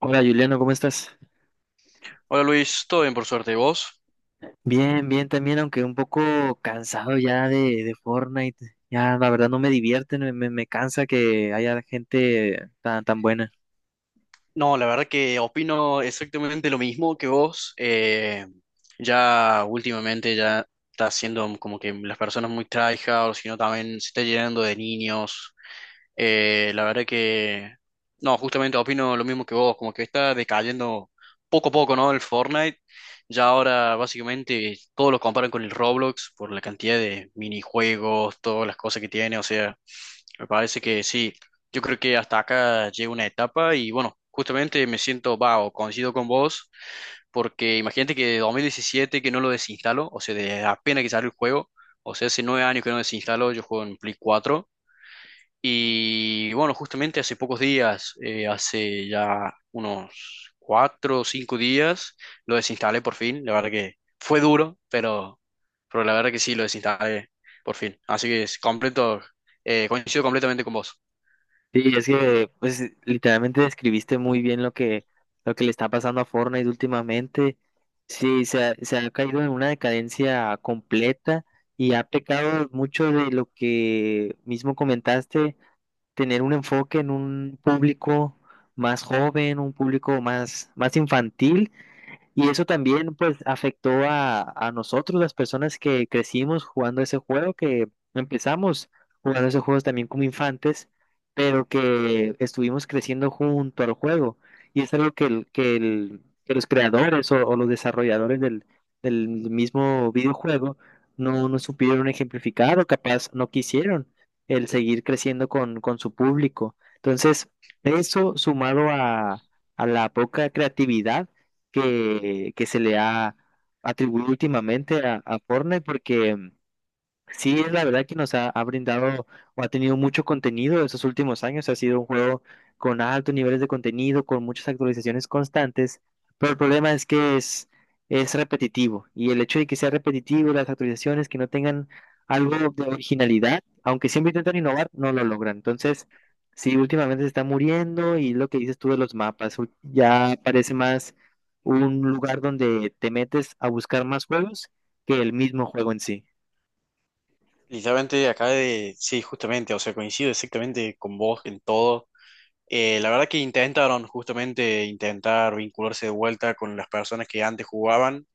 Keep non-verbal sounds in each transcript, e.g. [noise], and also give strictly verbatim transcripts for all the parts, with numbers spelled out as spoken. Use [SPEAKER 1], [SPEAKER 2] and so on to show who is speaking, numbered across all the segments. [SPEAKER 1] Hola Juliano, ¿cómo estás?
[SPEAKER 2] Hola Luis, todo bien por suerte. ¿Y vos?
[SPEAKER 1] Bien, bien también, aunque un poco cansado ya de, de Fortnite. Ya la verdad no me divierte, me, me, me cansa que haya gente tan, tan buena.
[SPEAKER 2] No, la verdad que opino exactamente lo mismo que vos. Eh, ya últimamente ya está siendo como que las personas muy tryhard, sino también se está llenando de niños. Eh, la verdad que, no, justamente opino lo mismo que vos, como que está decayendo poco a poco, ¿no? El Fortnite. Ya ahora básicamente todos lo comparan con el Roblox por la cantidad de minijuegos, todas las cosas que tiene, o sea. Me parece que sí. Yo creo que hasta acá llega una etapa y bueno, justamente me siento, va, o coincido con vos, porque imagínate que de dos mil diecisiete que no lo desinstalo, o sea, de apenas que salió el juego, o sea, hace nueve años que no desinstalo, yo juego en Play cuatro y bueno, justamente hace pocos días, eh, hace ya unos cuatro o cinco días, lo desinstalé por fin, la verdad que fue duro, pero, pero la verdad que sí, lo desinstalé por fin, así que es completo, eh, coincido completamente con vos.
[SPEAKER 1] Sí, es que pues literalmente describiste muy bien lo que, lo que le está pasando a Fortnite últimamente. Sí, se ha, se ha caído en una decadencia completa y ha pecado mucho de lo que mismo comentaste tener un enfoque en un público más joven, un público más, más infantil y eso también pues afectó a, a nosotros, las personas que crecimos jugando ese juego, que empezamos jugando esos juegos también como infantes, pero que estuvimos creciendo junto al juego. Y es algo que, el- que, el- que los creadores o, o los desarrolladores del, del mismo videojuego no, no supieron ejemplificar o capaz no quisieron el seguir creciendo con, con su público. Entonces, eso sumado a a la poca creatividad que, que se le ha atribuido últimamente a, a Fortnite porque... Sí, es la verdad que nos ha, ha brindado o ha tenido mucho contenido estos últimos años. Ha sido un juego con altos niveles de contenido, con muchas actualizaciones constantes, pero el problema es que es, es repetitivo y el hecho de que sea repetitivo, las actualizaciones que no tengan algo de originalidad, aunque siempre intentan innovar, no lo logran. Entonces, sí, últimamente se está muriendo y lo que dices tú de los mapas, ul- ya parece más un lugar donde te metes a buscar más juegos que el mismo juego en sí.
[SPEAKER 2] Literalmente acá de, sí, justamente, o sea, coincido exactamente con vos en todo. Eh, la verdad que intentaron justamente intentar vincularse de vuelta con las personas que antes jugaban,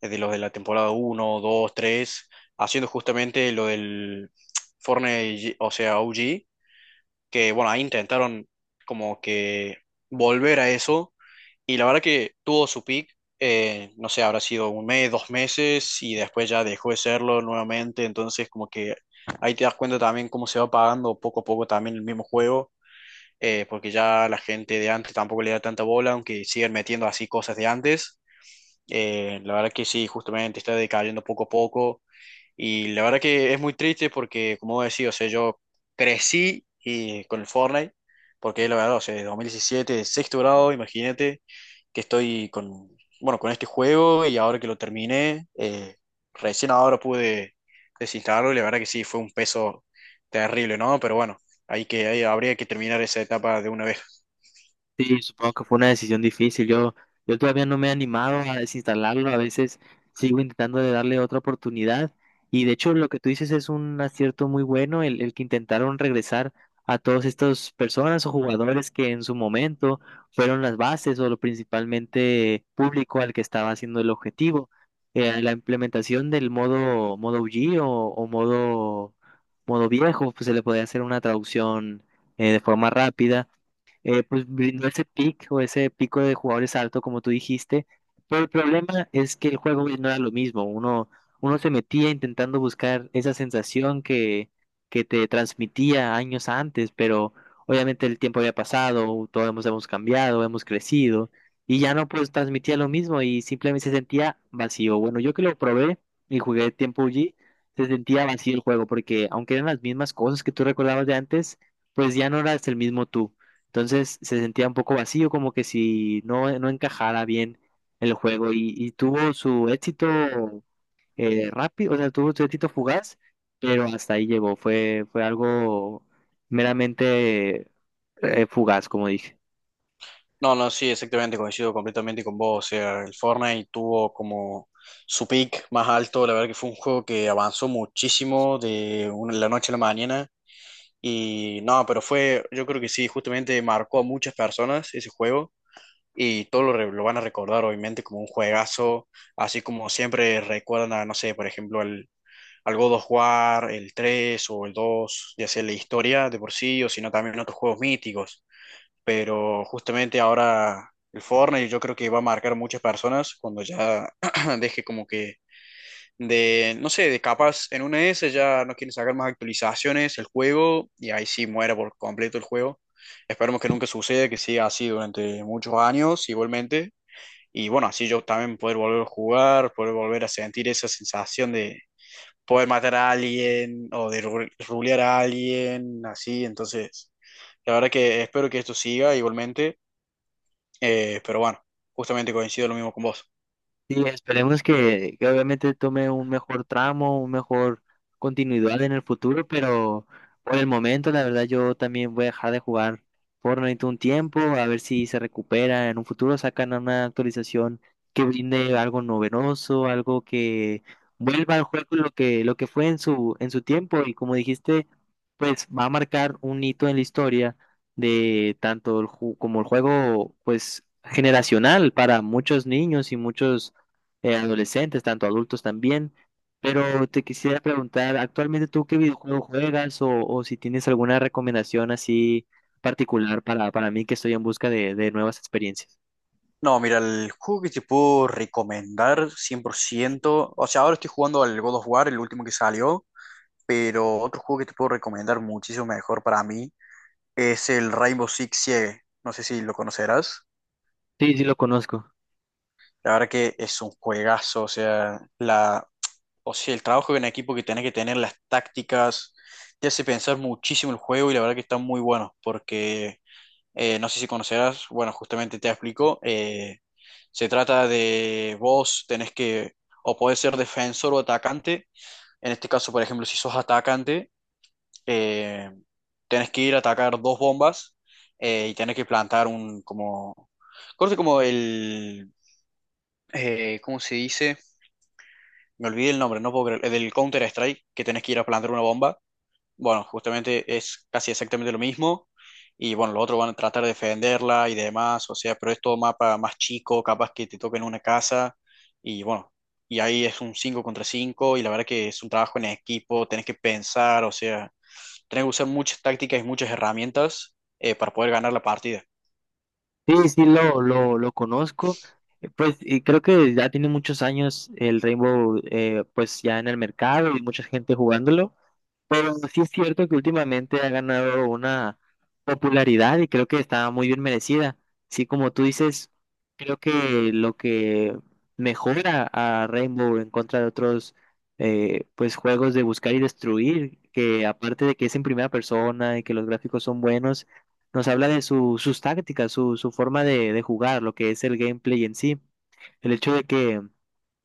[SPEAKER 2] desde los de la temporada uno dos tres haciendo justamente lo del Fortnite, o sea, O G, que bueno, ahí intentaron como que volver a eso y la verdad que tuvo su peak, eh, no sé, habrá sido un mes, dos meses, y después ya dejó de serlo nuevamente. Entonces, como que ahí te das cuenta también cómo se va apagando poco a poco también el mismo juego, eh, porque ya la gente de antes tampoco le da tanta bola, aunque siguen metiendo así cosas de antes. Eh, la verdad que sí, justamente está decayendo poco a poco. Y la verdad que es muy triste porque, como decía, o sea, yo crecí y, con el Fortnite, porque la verdad, o sea, de dos mil diecisiete sexto grado, imagínate que estoy con, bueno, con este juego y ahora que lo terminé, eh, recién ahora pude desinstalarlo y la verdad que sí, fue un peso terrible, ¿no? Pero bueno, hay que, ahí habría que terminar esa etapa de una vez.
[SPEAKER 1] Sí, supongo que fue una decisión difícil. Yo, yo todavía no me he animado a desinstalarlo. A veces sigo intentando de darle otra oportunidad. Y de hecho, lo que tú dices es un acierto muy bueno, el, el que intentaron regresar a todas estas personas o jugadores que en su momento fueron las bases o lo principalmente público al que estaba haciendo el objetivo. Eh, la implementación del modo, modo O G o, o modo, modo viejo, pues se le podía hacer una traducción eh, de forma rápida, eh, pues brindó ese pick o ese pico de jugadores alto, como tú dijiste. Pero el problema es que el juego no era lo mismo. Uno, uno se metía intentando buscar esa sensación que, que te transmitía años antes, pero obviamente el tiempo había pasado, todos hemos, hemos cambiado, hemos crecido, y ya no pues transmitía lo mismo y simplemente se sentía vacío. Bueno, yo que lo probé y jugué tiempo allí, se sentía vacío el juego, porque aunque eran las mismas cosas que tú recordabas de antes, pues ya no eras el mismo tú. Entonces se sentía un poco vacío, como que si no, no encajara bien el juego y, y tuvo su éxito eh, rápido, o sea, tuvo su éxito fugaz, pero hasta ahí llegó. Fue, fue algo meramente eh, fugaz, como dije.
[SPEAKER 2] No, no, sí, exactamente, coincido completamente con vos. O sea, el Fortnite tuvo como su peak más alto. La verdad que fue un juego que avanzó muchísimo de una- la noche a la mañana. Y no, pero fue, yo creo que sí, justamente marcó a muchas personas ese juego. Y todos lo, re- lo van a recordar, obviamente, como un juegazo. Así como siempre recuerdan a, no sé, por ejemplo, al, al God of War, el tres o el dos ya sea la historia de por sí, o sino también otros juegos míticos. Pero justamente ahora el Fortnite yo creo que va a marcar muchas personas cuando ya [clears throat] deje como que de, no sé, de capas en una S ya no quieren sacar más actualizaciones el juego y ahí sí muera por completo el juego. Esperemos que nunca suceda, que siga así durante muchos años igualmente. Y bueno, así yo también poder volver a jugar, poder volver a sentir esa sensación de poder matar a alguien o de ru- rulear a alguien, así. Entonces, la verdad que espero que esto siga igualmente. Eh, pero bueno, justamente coincido lo mismo con vos.
[SPEAKER 1] Sí, esperemos que, que obviamente tome un mejor tramo, un mejor continuidad en el futuro, pero por el momento, la verdad, yo también voy a dejar de jugar Fortnite un tiempo, a ver si se recupera en un futuro, sacan una actualización que brinde algo novedoso, algo que vuelva al juego lo que, lo que fue en su, en su tiempo, y como dijiste, pues va a marcar un hito en la historia de tanto el ju- como el juego, pues generacional para muchos niños y muchos eh, adolescentes, tanto adultos también. Pero te quisiera preguntar, ¿actualmente tú qué videojuego juegas o, o si tienes alguna recomendación así particular para, para mí que estoy en busca de, de nuevas experiencias?
[SPEAKER 2] No, mira, el juego que te puedo recomendar cien por ciento o sea, ahora estoy jugando al God of War, el último que salió, pero otro juego que te puedo recomendar muchísimo mejor para mí es el Rainbow Six Siege. No sé si lo conocerás.
[SPEAKER 1] Sí, sí lo conozco.
[SPEAKER 2] La verdad que es un juegazo, o sea, la, o sea, el trabajo en equipo que tenés que tener, las tácticas, te hace pensar muchísimo el juego y la verdad que está muy bueno, porque Eh, no sé si conocerás, bueno, justamente te explico. Eh, se trata de vos tenés que, o podés ser defensor o atacante. En este caso, por ejemplo, si sos atacante, eh, tenés que ir a atacar dos bombas, eh, y tenés que plantar un, como, corte como el, eh, ¿cómo se dice? Me olvidé el nombre, no puedo creer, el del Counter-Strike, que tenés que ir a plantar una bomba. Bueno, justamente es casi exactamente lo mismo. Y bueno, los otros van a tratar de defenderla y demás. O sea, pero es todo mapa más chico, capaz que te toquen una casa. Y bueno, y ahí es un cinco contra cinco. Y la verdad que es un trabajo en equipo, tenés que pensar, o sea, tenés que usar muchas tácticas y muchas herramientas, eh, para poder ganar la partida.
[SPEAKER 1] Sí, sí lo, lo, lo conozco. Eh, Pues y creo que ya tiene muchos años el Rainbow, eh, pues ya en el mercado y mucha gente jugándolo. Pero sí es cierto que últimamente ha ganado una popularidad y creo que está muy bien merecida. Sí, como tú dices, creo que lo que mejora a Rainbow en contra de otros, eh, pues juegos de buscar y destruir, que aparte de que es en primera persona y que los gráficos son buenos, nos habla de su- sus tácticas, su, su forma de, de jugar, lo que es el gameplay en sí. El hecho de que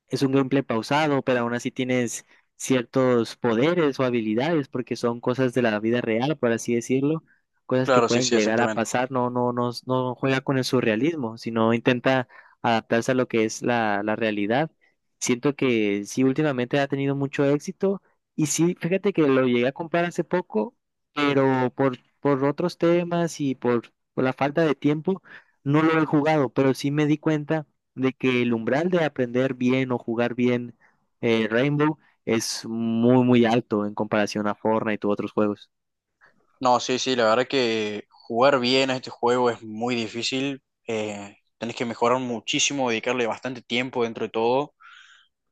[SPEAKER 1] es un gameplay pausado, pero aún así tienes ciertos poderes o habilidades, porque son cosas de la vida real, por así decirlo, cosas que
[SPEAKER 2] Claro, sí,
[SPEAKER 1] pueden
[SPEAKER 2] sí,
[SPEAKER 1] llegar a
[SPEAKER 2] exactamente.
[SPEAKER 1] pasar. No, no, no, no juega con el surrealismo, sino intenta adaptarse a lo que es la, la realidad. Siento que sí, últimamente ha tenido mucho éxito, y sí, fíjate que lo llegué a comprar hace poco, pero por, por otros temas y por, por la falta de tiempo, no lo he jugado, pero sí me di cuenta de que el umbral de aprender bien o jugar bien, eh, Rainbow es muy, muy alto en comparación a Fortnite u otros juegos.
[SPEAKER 2] No, sí, sí, la verdad que jugar bien a este juego es muy difícil. Eh, tenés que mejorar muchísimo, dedicarle bastante tiempo dentro de todo.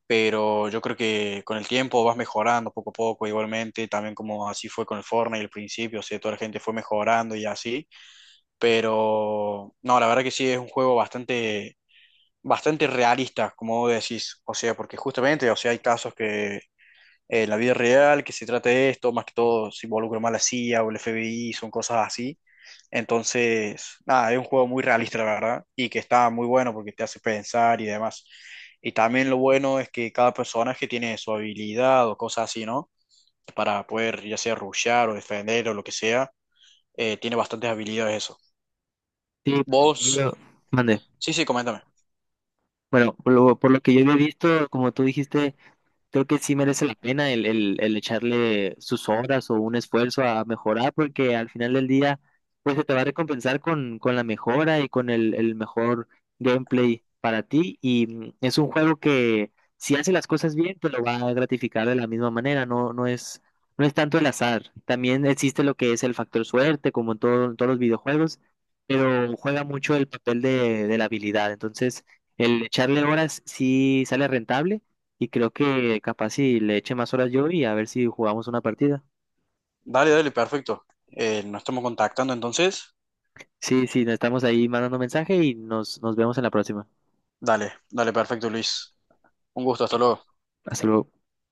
[SPEAKER 2] Pero yo creo que con el tiempo vas mejorando poco a poco igualmente, también como así fue con el Fortnite al principio, o sea, toda la gente fue mejorando y así, pero no, la verdad que sí es un juego bastante, bastante realista, como vos decís, o sea, porque justamente, o sea, hay casos que eh, la vida real, que se trate de esto, más que todo se involucra más la C I A o el F B I, son cosas así. Entonces, nada, es un juego muy realista, la verdad, y que está muy bueno porque te hace pensar y demás. Y también lo bueno es que cada personaje tiene su habilidad o cosas así, ¿no? Para poder ya sea rushear o defender o lo que sea, eh, tiene bastantes habilidades eso.
[SPEAKER 1] Sí, por lo que
[SPEAKER 2] Vos,
[SPEAKER 1] yo... Mande.
[SPEAKER 2] sí, sí, coméntame.
[SPEAKER 1] Bueno, por lo, por lo que yo había visto, como tú dijiste, creo que sí merece la pena el, el, el echarle sus horas o un esfuerzo a mejorar, porque al final del día, pues se te va a recompensar con, con la mejora y con el, el mejor gameplay para ti. Y mm, es un juego que si hace las cosas bien, te lo va a gratificar de la misma manera, no, no es, no es tanto el azar. También existe lo que es el factor suerte, como en todo- en todos los videojuegos, pero juega mucho el papel de, de la habilidad. Entonces, el echarle horas sí sale rentable y creo que capaz si le eche más horas yo y a ver si jugamos una partida.
[SPEAKER 2] Dale, dale, perfecto. Eh, nos estamos contactando entonces.
[SPEAKER 1] Sí, sí, nos estamos ahí mandando mensaje y nos, nos vemos en la próxima.
[SPEAKER 2] Dale, dale, perfecto, Luis. Un gusto, hasta luego.
[SPEAKER 1] Hasta luego.